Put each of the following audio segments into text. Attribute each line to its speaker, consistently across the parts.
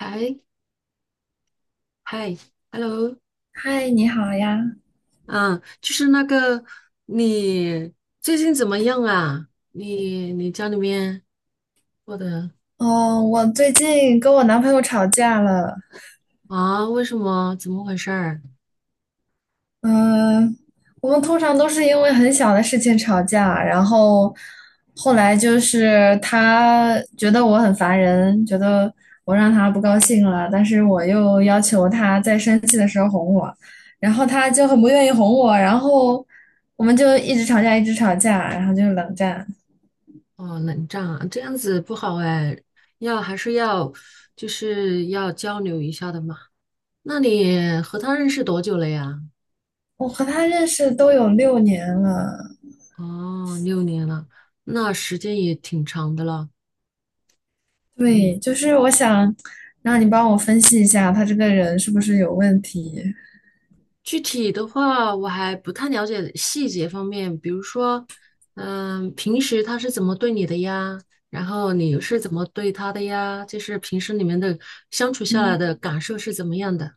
Speaker 1: 嗨嗨，hello，
Speaker 2: 嗨，你好呀。
Speaker 1: 嗯，就是那个，你最近怎么样啊？你家里面过得
Speaker 2: 哦，我最近跟我男朋友吵架了。
Speaker 1: 啊？为什么？怎么回事儿？
Speaker 2: 嗯，我们通常都是因为很小的事情吵架，然后后来就是他觉得我很烦人，觉得我让他不高兴了，但是我又要求他在生气的时候哄我，然后他就很不愿意哄我，然后我们就一直吵架，一直吵架，然后就冷战。
Speaker 1: 哦，冷战啊，这样子不好哎，要还是要，就是要交流一下的嘛。那你和他认识多久了呀？
Speaker 2: 我和他认识都有6年了。
Speaker 1: 哦，六年了，那时间也挺长的了。嗯。
Speaker 2: 对，就是我想让你帮我分析一下，他这个人是不是有问题？
Speaker 1: 具体的话，我还不太了解细节方面，比如说，平时他是怎么对你的呀？然后你是怎么对他的呀？就是平时你们的相处下来的感受是怎么样的？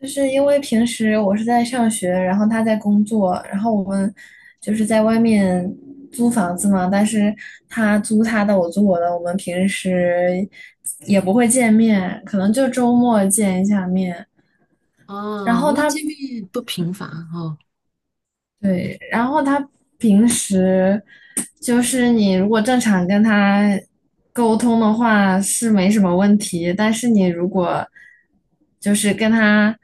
Speaker 2: 就是因为平时我是在上学，然后他在工作，然后我们就是在外面租房子嘛，但是他租他的，我租我的，我们平时也不会见面，可能就周末见一下面。然
Speaker 1: 哦，
Speaker 2: 后
Speaker 1: 那
Speaker 2: 他
Speaker 1: 见面不频繁啊哦。
Speaker 2: 对。然后他平时就是你如果正常跟他沟通的话是没什么问题，但是你如果就是跟他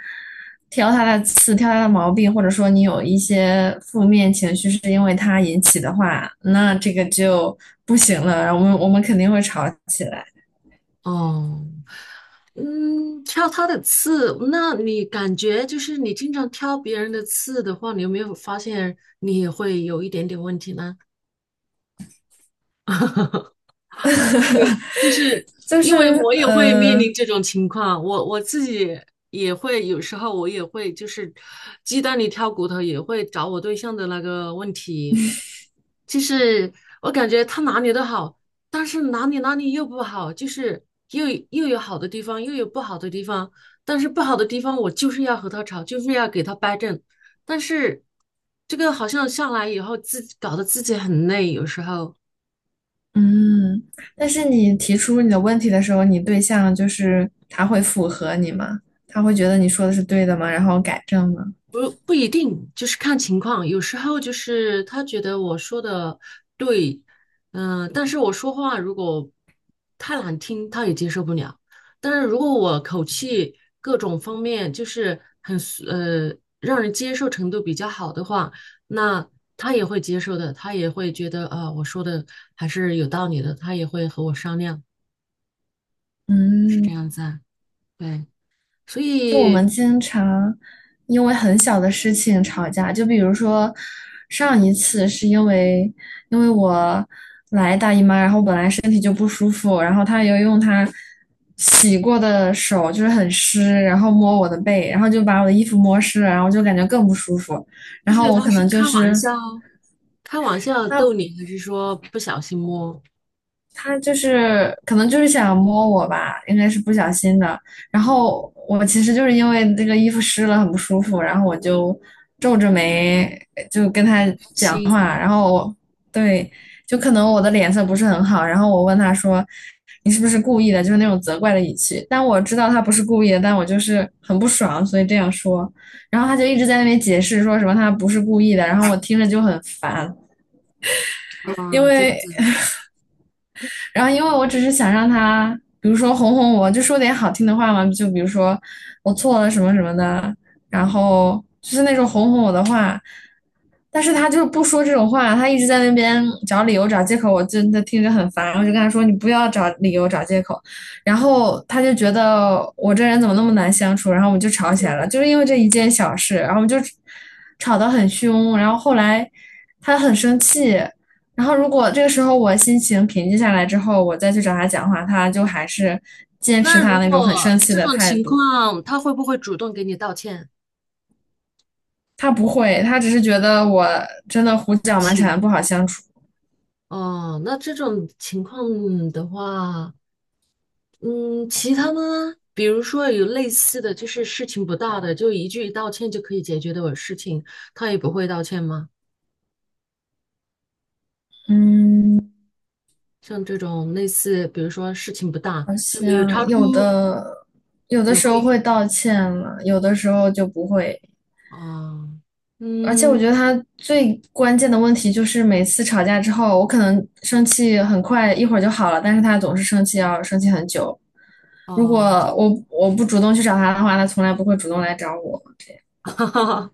Speaker 2: 挑他的刺、挑他的毛病，或者说你有一些负面情绪是因为他引起的话，那这个就不行了，然后我们肯定会吵起来。
Speaker 1: 哦，挑他的刺，那你感觉就是你经常挑别人的刺的话，你有没有发现你也会有一点点问题呢？就是
Speaker 2: 就
Speaker 1: 因为
Speaker 2: 是
Speaker 1: 我也会面临这种情况，我自己也会有时候我也会就是鸡蛋里挑骨头，也会找我对象的那个问题。就是我感觉他哪里都好，但是哪里又不好，就是又有好的地方，又有不好的地方。但是不好的地方，我就是要和他吵，就是要给他掰正。但是这个好像下来以后，自己搞得自己很累，有时候。
Speaker 2: 嗯，但是你提出你的问题的时候，你对象就是他会符合你吗？他会觉得你说的是对的吗？然后改正吗？
Speaker 1: 不一定，就是看情况。有时候就是他觉得我说的对，嗯、但是我说话如果太难听，他也接受不了。但是如果我口气各种方面就是很呃让人接受程度比较好的话，那他也会接受的，他也会觉得啊、我说的还是有道理的，他也会和我商量，是这
Speaker 2: 嗯，
Speaker 1: 样子啊。对，所
Speaker 2: 就我
Speaker 1: 以
Speaker 2: 们经常因为很小的事情吵架，就比如说上一次是因为我来大姨妈，然后本来身体就不舒服，然后他又用他洗过的手就是很湿，然后摸我的背，然后就把我的衣服摸湿了，然后就感觉更不舒服。
Speaker 1: 就
Speaker 2: 然
Speaker 1: 是
Speaker 2: 后我
Speaker 1: 他
Speaker 2: 可
Speaker 1: 是
Speaker 2: 能就
Speaker 1: 开玩
Speaker 2: 是
Speaker 1: 笑。开玩笑逗
Speaker 2: 他
Speaker 1: 你，还是说不小心摸
Speaker 2: 他就是可能就是想摸我吧，应该是不小心的。然后我其实就是因为这个衣服湿了很不舒服，然后我就皱着眉就跟他
Speaker 1: 开
Speaker 2: 讲
Speaker 1: 心
Speaker 2: 话。然后我对，就可能我的脸色不是很好，然后我问他说你是不是故意的，就是那种责怪的语气。但我知道他不是故意的，但我就是很不爽，所以这样说。然后他就一直在那边解释说什么他不是故意的，然后我听着就很烦。因
Speaker 1: 啊？这样
Speaker 2: 为
Speaker 1: 子。
Speaker 2: 然后因为我只是想让他，比如说哄哄我，就说点好听的话嘛，就比如说我错了什么什么的，然后就是那种哄哄我的话。但是他就是不说这种话，他一直在那边找理由找借口，我真的听着很烦。我就跟他说："你不要找理由找借口。"然后他就觉得我这人怎么那么难相处，然后我们就吵起来了，就是因为这一件小事，然后我们就吵得很凶。然后后来他很生气，然后如果这个时候我心情平静下来之后，我再去找他讲话，他就还是坚持
Speaker 1: 那
Speaker 2: 他
Speaker 1: 如
Speaker 2: 那种很
Speaker 1: 果
Speaker 2: 生气
Speaker 1: 这
Speaker 2: 的
Speaker 1: 种
Speaker 2: 态
Speaker 1: 情
Speaker 2: 度。
Speaker 1: 况，他会不会主动给你道歉、
Speaker 2: 他不会，他只是觉得我真的胡
Speaker 1: 道
Speaker 2: 搅蛮
Speaker 1: 歉？
Speaker 2: 缠，不好相处。
Speaker 1: 哦，那这种情况的话，嗯，其他呢？比如说有类似的就是事情不大的，就一句道歉就可以解决的事情，他也不会道歉吗？
Speaker 2: 嗯，
Speaker 1: 像这种类似，比如说事情不大，
Speaker 2: 好
Speaker 1: 就没有超
Speaker 2: 像
Speaker 1: 出，
Speaker 2: 有的
Speaker 1: 也
Speaker 2: 时候
Speaker 1: 会，
Speaker 2: 会道歉了，有的时候就不会。
Speaker 1: 啊，
Speaker 2: 而且我
Speaker 1: 嗯，
Speaker 2: 觉得他最关键的问题就是每次吵架之后，我可能生气很快，一会儿就好了，但是他总是生气，要生气很久。如果
Speaker 1: 哦，
Speaker 2: 我不主动去找他的话，他从来不会主动来找我。
Speaker 1: 哈哈，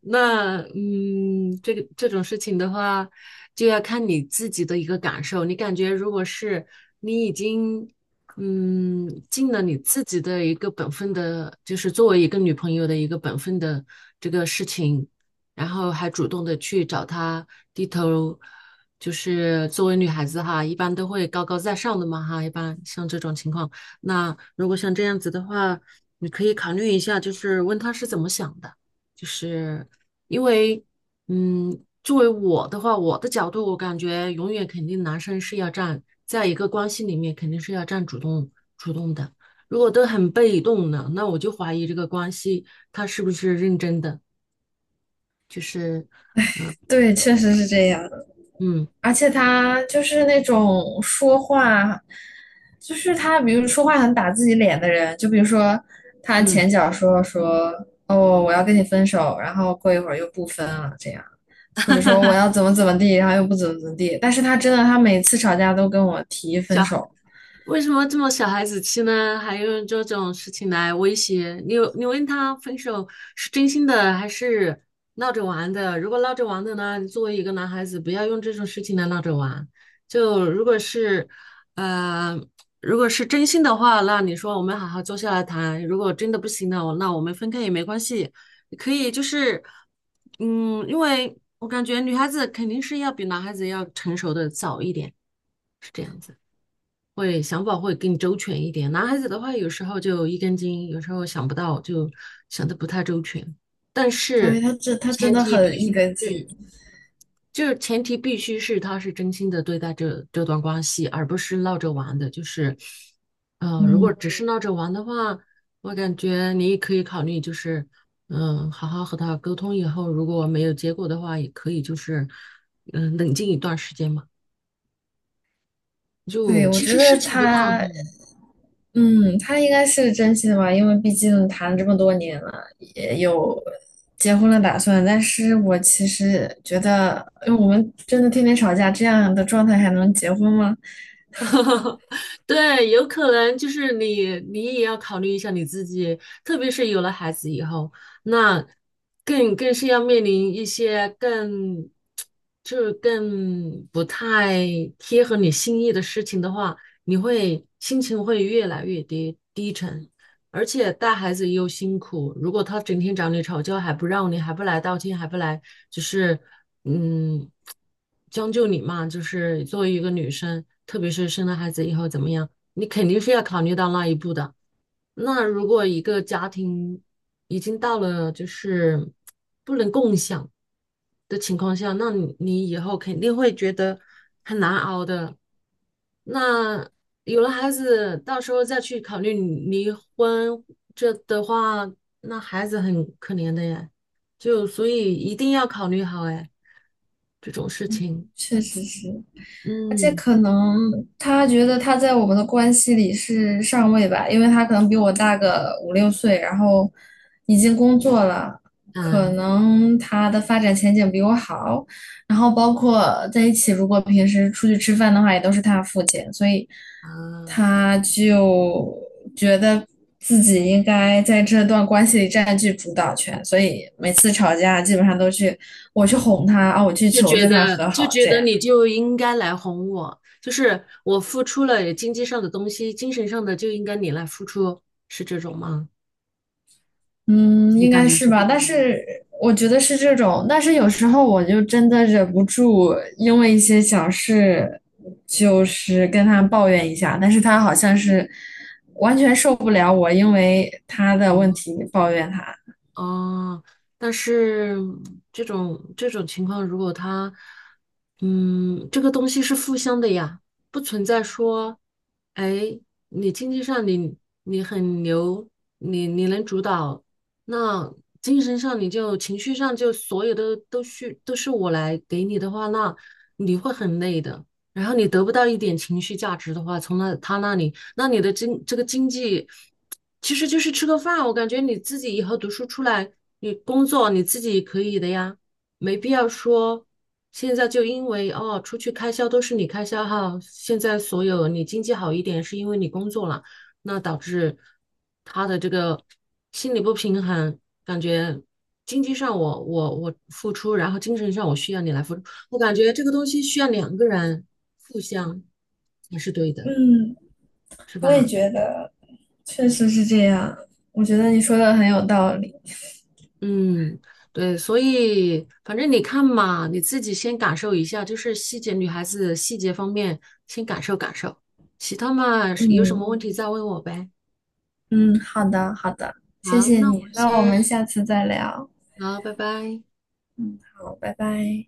Speaker 1: 那嗯，这个这种事情的话，就要看你自己的一个感受。你感觉如果是你已经尽了你自己的一个本分的，就是作为一个女朋友的一个本分的这个事情，然后还主动的去找他低头，就是作为女孩子哈，一般都会高高在上的嘛哈，一般像这种情况。那如果像这样子的话，你可以考虑一下，就是问他是怎么想的，就是因为，作为我的话，我的角度，我感觉永远肯定男生是要站在一个关系里面肯定是要占主动主动的。如果都很被动的，那我就怀疑这个关系他是不是认真的，就是，
Speaker 2: 对，确实是这样的。
Speaker 1: 嗯
Speaker 2: 而且他就是那种说话，就是他，比如说话很打自己脸的人，就比如说他
Speaker 1: 嗯，
Speaker 2: 前脚说哦我要跟你分手，然后过一会儿又不分了，这样。或者说我要怎么怎么地，然后又不怎么怎么地。但是他真的，他每次吵架都跟我提分
Speaker 1: 小
Speaker 2: 手，
Speaker 1: 为什么这么小孩子气呢？还用这种事情来威胁你你问他分手是真心的还是闹着玩的？如果闹着玩的呢，你作为一个男孩子，不要用这种事情来闹着玩。就如果是，呃，如果是真心的话，那你说我们好好坐下来谈。如果真的不行了，我那我们分开也没关系，可以就是，因为我感觉女孩子肯定是要比男孩子要成熟的早一点，是这样子。会想法会更周全一点。男孩子的话，有时候就一根筋，有时候想不到，就想的不太周全。但
Speaker 2: 对，
Speaker 1: 是
Speaker 2: 他真
Speaker 1: 前
Speaker 2: 的
Speaker 1: 提必
Speaker 2: 很
Speaker 1: 须
Speaker 2: 一根筋。
Speaker 1: 是，就是前提必须是他是真心的对待这段关系，而不是闹着玩的。就是，如果
Speaker 2: 嗯，
Speaker 1: 只是闹着玩的话，我感觉你也可以考虑，就是，好好和他沟通以后，如果没有结果的话，也可以就是，冷静一段时间嘛。
Speaker 2: 对，
Speaker 1: 就
Speaker 2: 我
Speaker 1: 其
Speaker 2: 觉
Speaker 1: 实事
Speaker 2: 得
Speaker 1: 情不大。
Speaker 2: 他，嗯，他应该是个真心的吧，因为毕竟谈了这么多年了，也有结婚的打算。但是我其实觉得，因为我们真的天天吵架，这样的状态还能结婚吗？
Speaker 1: 对，有可能就是你，你也要考虑一下你自己，特别是有了孩子以后，那更是要面临一些更，就是更不太贴合你心意的事情的话，你会心情会越来越低沉，而且带孩子又辛苦，如果他整天找你吵架，还不让你，还不来道歉，还不来，就是。嗯，将就你嘛，就是作为一个女生，特别是生了孩子以后怎么样，你肯定是要考虑到那一步的。那如果一个家庭已经到了就是不能共享，的情况下，那你以后肯定会觉得很难熬的。那有了孩子，到时候再去考虑离婚，这的话，那孩子很可怜的呀。就所以一定要考虑好哎，这种事
Speaker 2: 嗯，
Speaker 1: 情。
Speaker 2: 确实是。而且
Speaker 1: 嗯
Speaker 2: 可能他觉得他在我们的关系里是上位吧，因为他可能比我大个5、6岁，然后已经工作了，可
Speaker 1: 嗯
Speaker 2: 能他的发展前景比我好，然后包括在一起，如果平时出去吃饭的话，也都是他付钱，所以
Speaker 1: 啊，
Speaker 2: 他就觉得自己应该在这段关系里占据主导权，所以每次吵架基本上都去我去哄他啊，我去
Speaker 1: 就
Speaker 2: 求
Speaker 1: 觉
Speaker 2: 着他
Speaker 1: 得
Speaker 2: 和
Speaker 1: 就
Speaker 2: 好
Speaker 1: 觉
Speaker 2: 这
Speaker 1: 得
Speaker 2: 样。
Speaker 1: 你就应该来哄我，就是我付出了经济上的东西，精神上的就应该你来付出，是这种吗？
Speaker 2: 嗯，
Speaker 1: 你
Speaker 2: 应
Speaker 1: 感
Speaker 2: 该
Speaker 1: 觉
Speaker 2: 是
Speaker 1: 是这
Speaker 2: 吧，但
Speaker 1: 种？
Speaker 2: 是我觉得是这种，但是有时候我就真的忍不住，因为一些小事，就是跟他抱怨一下，但是他好像是完全受不了我，因为他的问
Speaker 1: 嗯
Speaker 2: 题抱怨他。
Speaker 1: 哦，但是这种情况，如果他，这个东西是互相的呀，不存在说，哎，你经济上你很牛，你能主导，那精神上你就情绪上就所有的都需都是我来给你的话，那你会很累的。然后你得不到一点情绪价值的话，从那他那里。那你的经这个经济其实就是吃个饭，我感觉你自己以后读书出来，你工作你自己可以的呀，没必要说现在就因为哦出去开销都是你开销哈，现在所有你经济好一点是因为你工作了，那导致他的这个心理不平衡，感觉。经济上我付出，然后精神上我需要你来付出，我感觉这个东西需要两个人互相才是对的，
Speaker 2: 嗯，
Speaker 1: 是
Speaker 2: 我也
Speaker 1: 吧？
Speaker 2: 觉得确实是这样，我觉得你说的很有道理。
Speaker 1: 嗯，对，所以反正你看嘛，你自己先感受一下，就是细节，女孩子细节方面先感受感受，其他嘛有什
Speaker 2: 嗯
Speaker 1: 么问题再问我呗。
Speaker 2: 嗯，好的好的，谢
Speaker 1: 好，
Speaker 2: 谢
Speaker 1: 那我
Speaker 2: 你，
Speaker 1: 们
Speaker 2: 那我
Speaker 1: 先，
Speaker 2: 们下次再聊。
Speaker 1: 好，拜拜。
Speaker 2: 嗯，好，拜拜。